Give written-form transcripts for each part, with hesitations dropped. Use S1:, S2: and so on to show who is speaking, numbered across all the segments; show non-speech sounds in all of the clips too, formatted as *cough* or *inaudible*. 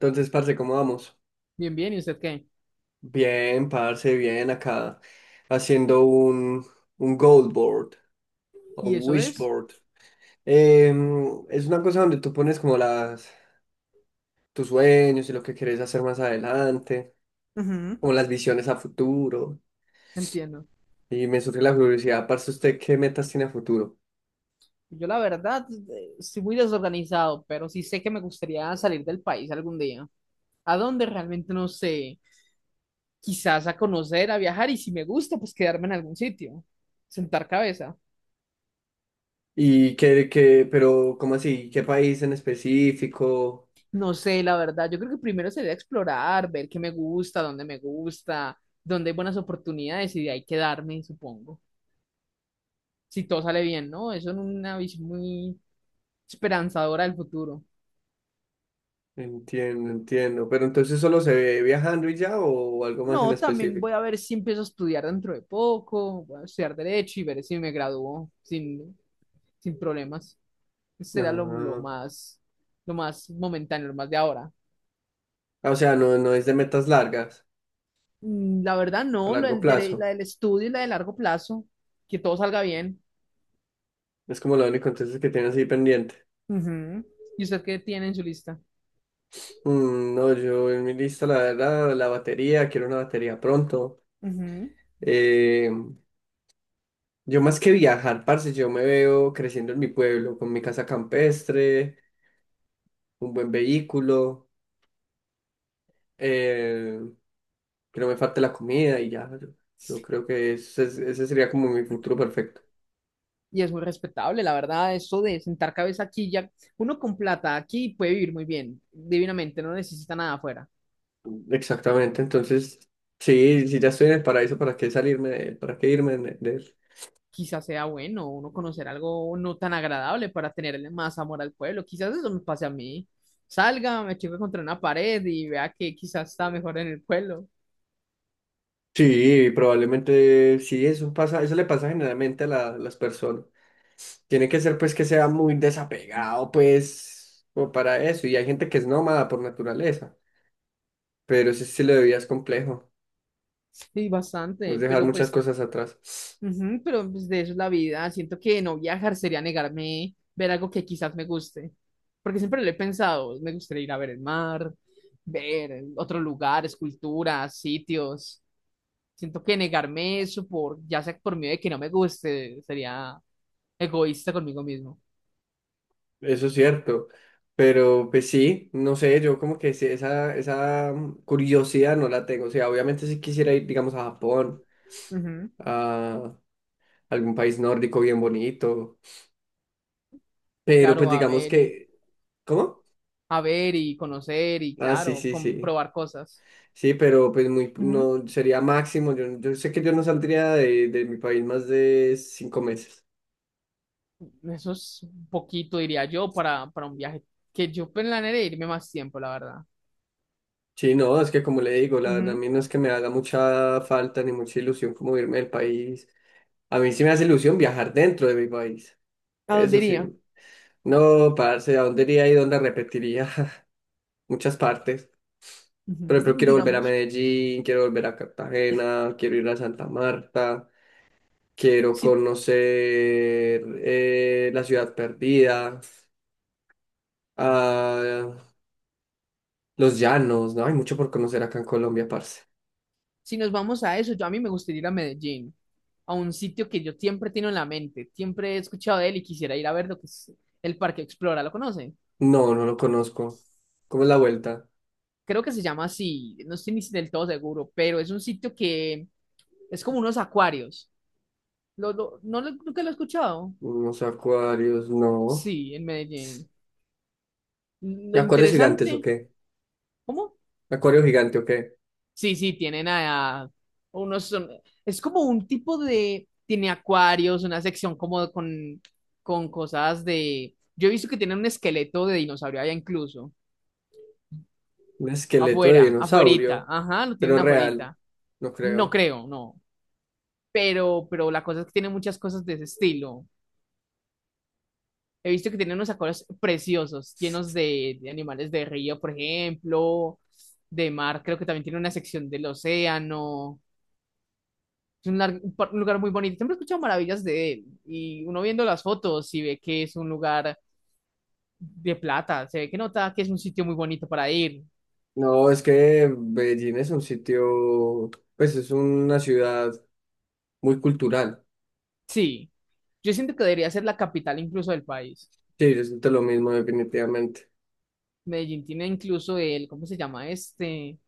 S1: Entonces, parce, ¿cómo vamos?
S2: Bien, bien, ¿y usted qué?
S1: Bien, parce, bien, acá haciendo un goal board o un
S2: ¿Y eso
S1: wish
S2: es?
S1: board. Es una cosa donde tú pones como las, tus sueños y lo que quieres hacer más adelante,
S2: Ujú.
S1: como las visiones a futuro.
S2: Entiendo.
S1: Y me surge la curiosidad, parce, ¿usted qué metas tiene a futuro?
S2: Yo la verdad estoy muy desorganizado, pero sí sé que me gustaría salir del país algún día. ¿A dónde? Realmente no sé. Quizás a conocer, a viajar y si me gusta, pues quedarme en algún sitio. Sentar cabeza.
S1: Pero, ¿cómo así? ¿Qué país en específico?
S2: No sé, la verdad. Yo creo que primero sería explorar, ver qué me gusta, dónde hay buenas oportunidades y de ahí quedarme, supongo. Si todo sale bien, ¿no? Eso es una visión muy esperanzadora del futuro.
S1: Entiendo, entiendo. Pero entonces solo se ve viajando y ya o algo más en
S2: No, también
S1: específico.
S2: voy a ver si empiezo a estudiar dentro de poco, voy a estudiar derecho y ver si me gradúo sin problemas. Será
S1: Ah.
S2: lo más momentáneo, lo más de ahora.
S1: Ah, o sea, no, no es de metas largas,
S2: La verdad,
S1: a
S2: no, lo
S1: largo
S2: del la
S1: plazo.
S2: del estudio y la de largo plazo, que todo salga bien.
S1: Es como lo único entonces que tienes ahí pendiente.
S2: Ujú. ¿Y usted qué tiene en su lista?
S1: Mm, no, yo en mi lista, la verdad, la batería, quiero una batería pronto.
S2: Ujú.
S1: Eh, yo más que viajar, parce, yo me veo creciendo en mi pueblo, con mi casa campestre, un buen vehículo, eh, que no me falte la comida y ya. Yo creo que ese sería como mi futuro perfecto.
S2: Y es muy respetable, la verdad, eso de sentar cabeza aquí ya, uno con plata aquí puede vivir muy bien, divinamente, no necesita nada afuera.
S1: Exactamente, entonces, sí, si ya estoy en el paraíso, ¿para qué salirme de él? ¿Para qué irme de él?
S2: Quizás sea bueno uno conocer algo no tan agradable para tenerle más amor al pueblo. Quizás eso me pase a mí. Salga, me choque contra una pared y vea que quizás está mejor en el pueblo. *laughs*
S1: Sí, probablemente sí, eso pasa, eso le pasa generalmente a las personas. Tiene que ser pues que sea muy desapegado, pues, como para eso. Y hay gente que es nómada por naturaleza, pero ese estilo de vida es complejo,
S2: Sí,
S1: es
S2: bastante,
S1: dejar
S2: pero
S1: muchas
S2: pues,
S1: cosas atrás.
S2: ujú, pero pues, de eso es la vida. Siento que no viajar sería negarme ver algo que quizás me guste. Porque siempre lo he pensado, me gustaría ir a ver el mar, ver otros lugares, culturas, sitios. Siento que negarme eso por, ya sea por miedo de que no me guste, sería egoísta conmigo mismo.
S1: Eso es cierto. Pero pues sí, no sé, yo como que sí, esa curiosidad no la tengo. O sea, obviamente si quisiera ir, digamos, a Japón,
S2: Ujú,
S1: a algún país nórdico bien bonito, pero pues
S2: claro,
S1: digamos que, ¿cómo?
S2: a ver y conocer y
S1: Ah, sí,
S2: claro,
S1: sí, sí.
S2: comprobar cosas.
S1: Sí, pero pues muy,
S2: Ujú.
S1: no, sería máximo. Yo sé que yo no saldría de mi país más de 5 meses.
S2: Eso es un poquito, diría yo, para un viaje que yo planearé irme más tiempo, la verdad.
S1: Sí, no, es que como le digo, la verdad a
S2: Ujú.
S1: mí no es que me haga mucha falta ni mucha ilusión como irme del país. A mí sí me hace ilusión viajar dentro de mi país.
S2: ¿A dónde
S1: Eso sí.
S2: iría?
S1: No, parce, ¿a dónde iría y dónde repetiría? *laughs* Muchas partes. Por ejemplo,
S2: Ujú,
S1: quiero volver a
S2: digamos,
S1: Medellín, quiero volver a Cartagena, quiero ir a Santa Marta, quiero
S2: si,
S1: conocer la ciudad perdida. Ah, Los Llanos, ¿no? Hay mucho por conocer acá en Colombia, parce.
S2: si nos vamos a eso, yo a mí me gustaría ir a Medellín, a un sitio que yo siempre tengo en la mente, siempre he escuchado de él y quisiera ir a ver lo que es el Parque Explora, ¿lo conocen?
S1: No, no lo conozco. ¿Cómo es la vuelta?
S2: Creo que se llama así, no estoy ni del todo seguro, pero es un sitio que es como unos acuarios. ¿No lo, nunca lo he escuchado?
S1: Unos acuarios, no.
S2: Sí, en Medellín.
S1: ¿Y
S2: Lo
S1: acuarios gigantes o
S2: interesante,
S1: qué?
S2: ¿cómo?
S1: ¿Acuario gigante o qué?
S2: Sí, sí, tienen a unos, es como un tipo de, tiene acuarios, una sección como con cosas de, yo he visto que tienen un esqueleto de dinosaurio allá incluso,
S1: Un esqueleto de
S2: afuera, afuerita,
S1: dinosaurio,
S2: ajá, lo
S1: pero
S2: tienen
S1: real,
S2: afuerita,
S1: no
S2: no
S1: creo.
S2: creo, no, pero la cosa es que tiene muchas cosas de ese estilo, he visto que tienen unos acuarios preciosos, llenos de animales de río, por ejemplo, de mar, creo que también tiene una sección del océano. Es un, un lugar muy bonito. Siempre he escuchado maravillas de él. Y uno viendo las fotos y ve que es un lugar de plata. Se ve que nota que es un sitio muy bonito para ir.
S1: No, es que Medellín es un sitio, pues es una ciudad muy cultural.
S2: Sí. Yo siento que debería ser la capital incluso del país.
S1: Sí, yo siento lo mismo definitivamente. *laughs*
S2: Medellín tiene incluso el, ¿cómo se llama este?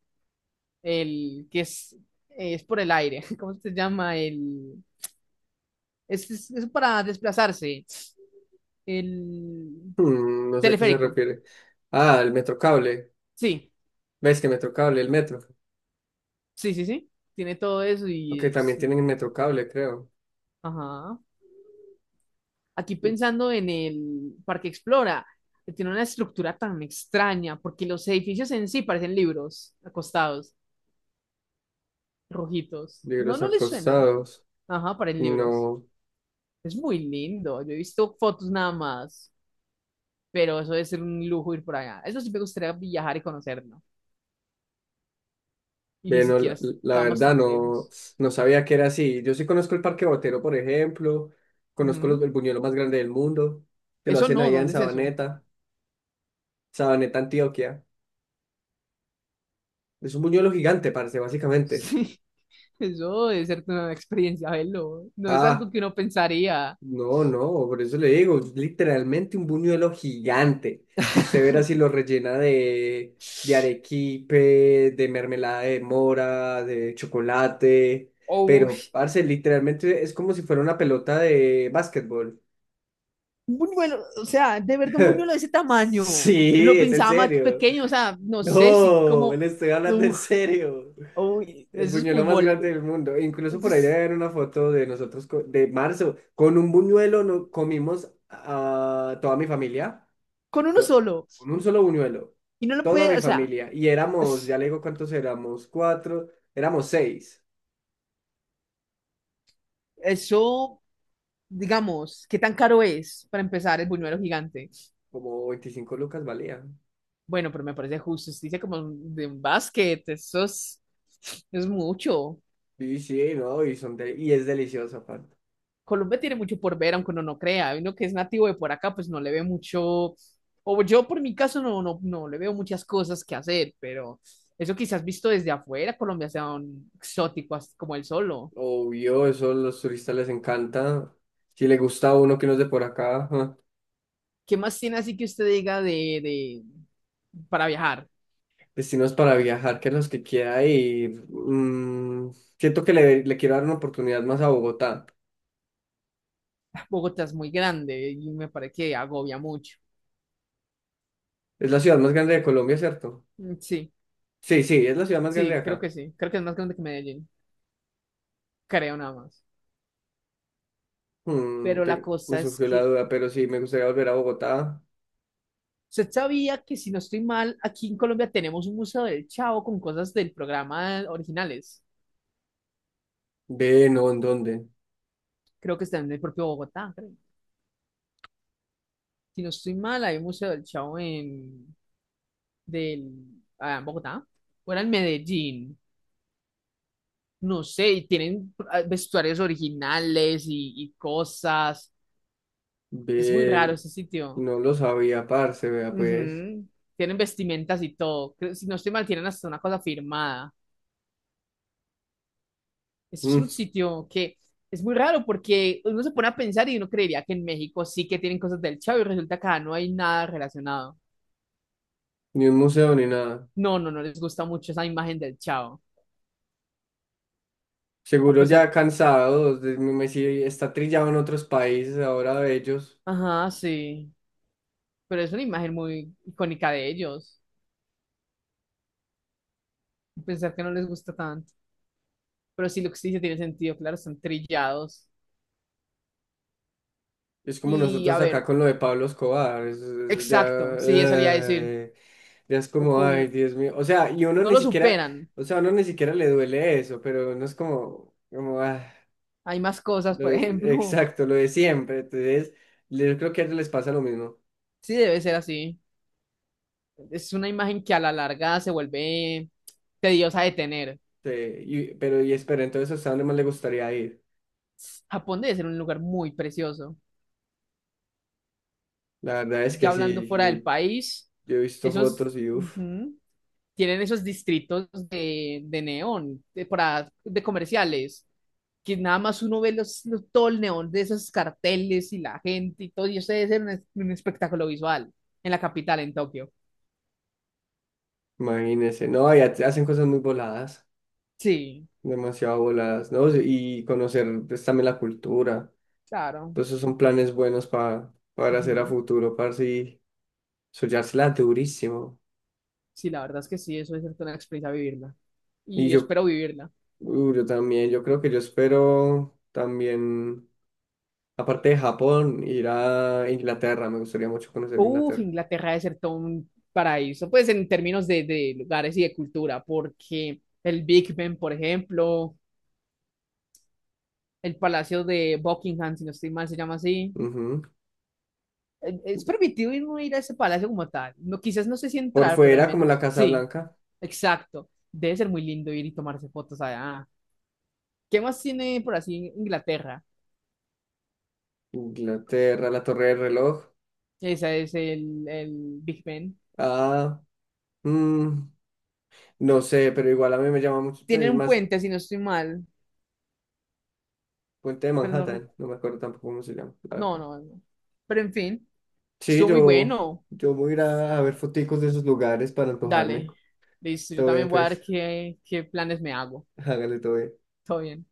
S2: El que es por el aire. *laughs* ¿Cómo se llama? Es para desplazarse. El
S1: Hmm, no sé a qué se
S2: teleférico.
S1: refiere. Ah, el Metrocable.
S2: Sí,
S1: ¿Ves que Metrocable, el metro?
S2: sí, sí, sí. Tiene todo eso
S1: Ok,
S2: y es...
S1: también tienen metrocable, creo.
S2: Ajá. Aquí pensando en el Parque Explora, que tiene una estructura tan extraña, porque los edificios en sí parecen libros acostados, rojitos. No,
S1: Libros
S2: no les suena.
S1: acostados.
S2: Ajá, parecen libros.
S1: No,
S2: Es muy lindo. Yo he visto fotos nada más, pero eso debe ser un lujo ir por allá. Eso sí me gustaría viajar y conocerlo. Y ni
S1: ve, no,
S2: siquiera
S1: la
S2: estamos
S1: verdad
S2: tan
S1: no,
S2: lejos.
S1: no sabía que era así. Yo sí conozco el Parque Botero, por ejemplo. Conozco
S2: Ujú.
S1: el buñuelo más grande del mundo. Que lo
S2: Eso
S1: hacen
S2: no,
S1: allá en
S2: ¿dónde es eso?
S1: Sabaneta, Sabaneta, Antioquia. Es un buñuelo gigante, parece,
S2: *laughs*
S1: básicamente.
S2: Sí, eso debe ser una experiencia, velo. No es algo
S1: Ah,
S2: que uno pensaría.
S1: no, no, por eso le digo, literalmente un buñuelo gigante. Y usted
S2: *laughs*
S1: verá si lo rellena de arequipe, de mermelada de mora, de chocolate.
S2: O
S1: Pero, parce, literalmente es como si fuera una pelota de básquetbol.
S2: un buñuelo, o sea, de verdad un buñuelo
S1: *laughs*
S2: de ese tamaño.
S1: Sí,
S2: Lo
S1: es en
S2: pensaba más
S1: serio.
S2: pequeño, o sea, no sé si
S1: No,
S2: como,
S1: le estoy hablando en
S2: uf,
S1: serio.
S2: uy,
S1: El
S2: eso es muy
S1: buñuelo más
S2: bol,
S1: grande del mundo. Incluso
S2: eso
S1: por ahí debe
S2: es
S1: haber una foto de nosotros de marzo. Con un buñuelo no comimos a toda mi familia.
S2: con uno
S1: to-
S2: solo.
S1: con un solo buñuelo,
S2: Y no lo
S1: toda
S2: puede,
S1: mi
S2: o sea,
S1: familia, y éramos, ya
S2: es-
S1: le digo cuántos éramos, cuatro, éramos seis,
S2: eso, digamos, ¿qué tan caro es para empezar el buñuelo gigante?
S1: como 25 lucas valía.
S2: Bueno, pero me parece justo, dice como de un basket, eso es mucho.
S1: Y sí, no, y, son de- y es delicioso aparte.
S2: Colombia tiene mucho por ver, aunque uno no crea. Uno que es nativo de por acá, pues no le ve mucho, o yo por mi caso no, no, no le veo muchas cosas que hacer, pero eso quizás visto desde afuera, Colombia sea un exótico así como el solo.
S1: Obvio, eso a los turistas les encanta. Si le gusta a uno que no es de por acá, ajá.
S2: ¿Qué más tiene así que usted diga de para viajar?
S1: Destinos para viajar, que los que quiera ir. Mm, siento que le quiero dar una oportunidad más a Bogotá.
S2: Bogotá es muy grande y me parece que agobia mucho.
S1: Es la ciudad más grande de Colombia, ¿cierto?
S2: Mm, sí,
S1: Sí, sí, es la ciudad más grande de acá.
S2: sí. Creo que es más grande que Medellín. Creo nada más.
S1: Mm,
S2: Pero la
S1: me
S2: cosa es
S1: surgió la
S2: que,
S1: duda, pero sí, me gustaría volver a Bogotá.
S2: usted sabía que, si no estoy mal, aquí en Colombia tenemos un museo del Chavo con cosas del programa originales.
S1: Ve, no, ¿en dónde?
S2: Creo que está en el propio Bogotá, creo. Si no estoy mal, hay un museo del Chavo del, en Bogotá. O era en Medellín. No sé, y tienen vestuarios originales y cosas. Es muy
S1: Ve,
S2: raro ese sitio.
S1: no lo sabía, parce, vea, pues.
S2: Ujú. Tienen vestimentas y todo. Si no estoy mal, tienen hasta una cosa firmada. Es un
S1: Mm,
S2: sitio que es muy raro porque uno se pone a pensar y uno creería que en México sí que tienen cosas del Chavo y resulta que acá no hay nada relacionado.
S1: ni un museo ni nada.
S2: No, no, no les gusta mucho esa imagen del Chavo. A
S1: Seguro
S2: pesar,
S1: ya cansados, sí, está trillado en otros países ahora de ellos.
S2: ajá, sí, pero es una imagen muy icónica de ellos. Pensar que no les gusta tanto. Pero sí, lo que sí dice tiene sentido, claro, están trillados.
S1: Es como
S2: Y
S1: nosotros
S2: a
S1: acá
S2: ver,
S1: con lo de Pablo Escobar. Ya,
S2: exacto, sí, eso le iba a decir.
S1: eh, ya es
S2: O
S1: como,
S2: con,
S1: ay, Dios mío. O sea, y uno
S2: no
S1: ni
S2: lo
S1: siquiera,
S2: superan.
S1: o sea, a uno ni siquiera le duele eso, pero uno es como, como, ah.
S2: Hay más cosas, por ejemplo.
S1: Exacto,
S2: *laughs*
S1: lo de siempre. Entonces, yo creo que a ellos les pasa lo mismo.
S2: Sí, debe ser así. Es una imagen que a la larga se vuelve tediosa de tener.
S1: Sí, pero, y espera, entonces, ¿hasta dónde más le gustaría ir?
S2: Japón debe ser un lugar muy precioso.
S1: La verdad es que
S2: Ya hablando
S1: sí,
S2: fuera
S1: yo,
S2: del país,
S1: yo he visto
S2: esos
S1: fotos y uff,
S2: ujú, tienen esos distritos de neón, de, para, de comerciales, que nada más uno ve todo el neón de esos carteles y la gente y todo, y eso debe ser un, un espectáculo visual en la capital, en Tokio.
S1: imagínense. No, y hacen cosas muy voladas,
S2: Sí,
S1: demasiado voladas, ¿no? Y conocer pues, también la cultura.
S2: claro.
S1: Entonces, esos son planes buenos para hacer a
S2: Ujú.
S1: futuro, para sí, soñársela durísimo.
S2: Sí, la verdad es que sí, eso es una experiencia vivirla.
S1: Y
S2: Y
S1: yo,
S2: espero vivirla.
S1: uh, yo también, yo creo que yo espero también. Aparte de Japón, ir a Inglaterra, me gustaría mucho conocer
S2: Uf,
S1: Inglaterra.
S2: Inglaterra debe ser todo un paraíso, pues en términos de lugares y de cultura, porque el Big Ben, por ejemplo, el Palacio de Buckingham, si no estoy mal, se llama así.
S1: Ujú.
S2: Es permitido ir, no ir a ese palacio como tal. No, quizás no sé si
S1: Por
S2: entrar, pero al
S1: fuera, como la
S2: menos
S1: Casa
S2: sí,
S1: Blanca,
S2: exacto. Debe ser muy lindo ir y tomarse fotos allá. ¿Qué más tiene por así Inglaterra?
S1: Inglaterra, la Torre del Reloj.
S2: Esa es el Big Ben.
S1: Ah, mm, no sé, pero igual a mí me llama mucho, pues,
S2: Tienen
S1: es
S2: un
S1: más
S2: puente, si no estoy mal,
S1: Puente de
S2: pero no,
S1: Manhattan, no me acuerdo tampoco cómo se llama, la
S2: no,
S1: verdad.
S2: no, no. Pero en fin,
S1: Sí,
S2: estuvo muy
S1: yo,
S2: bueno.
S1: yo voy a ir a ver foticos de esos lugares para antojarme.
S2: Dale. Listo, yo
S1: Todo bien,
S2: también voy a ver
S1: pues,
S2: qué, qué planes me hago.
S1: *laughs* hágale todo bien.
S2: Todo bien.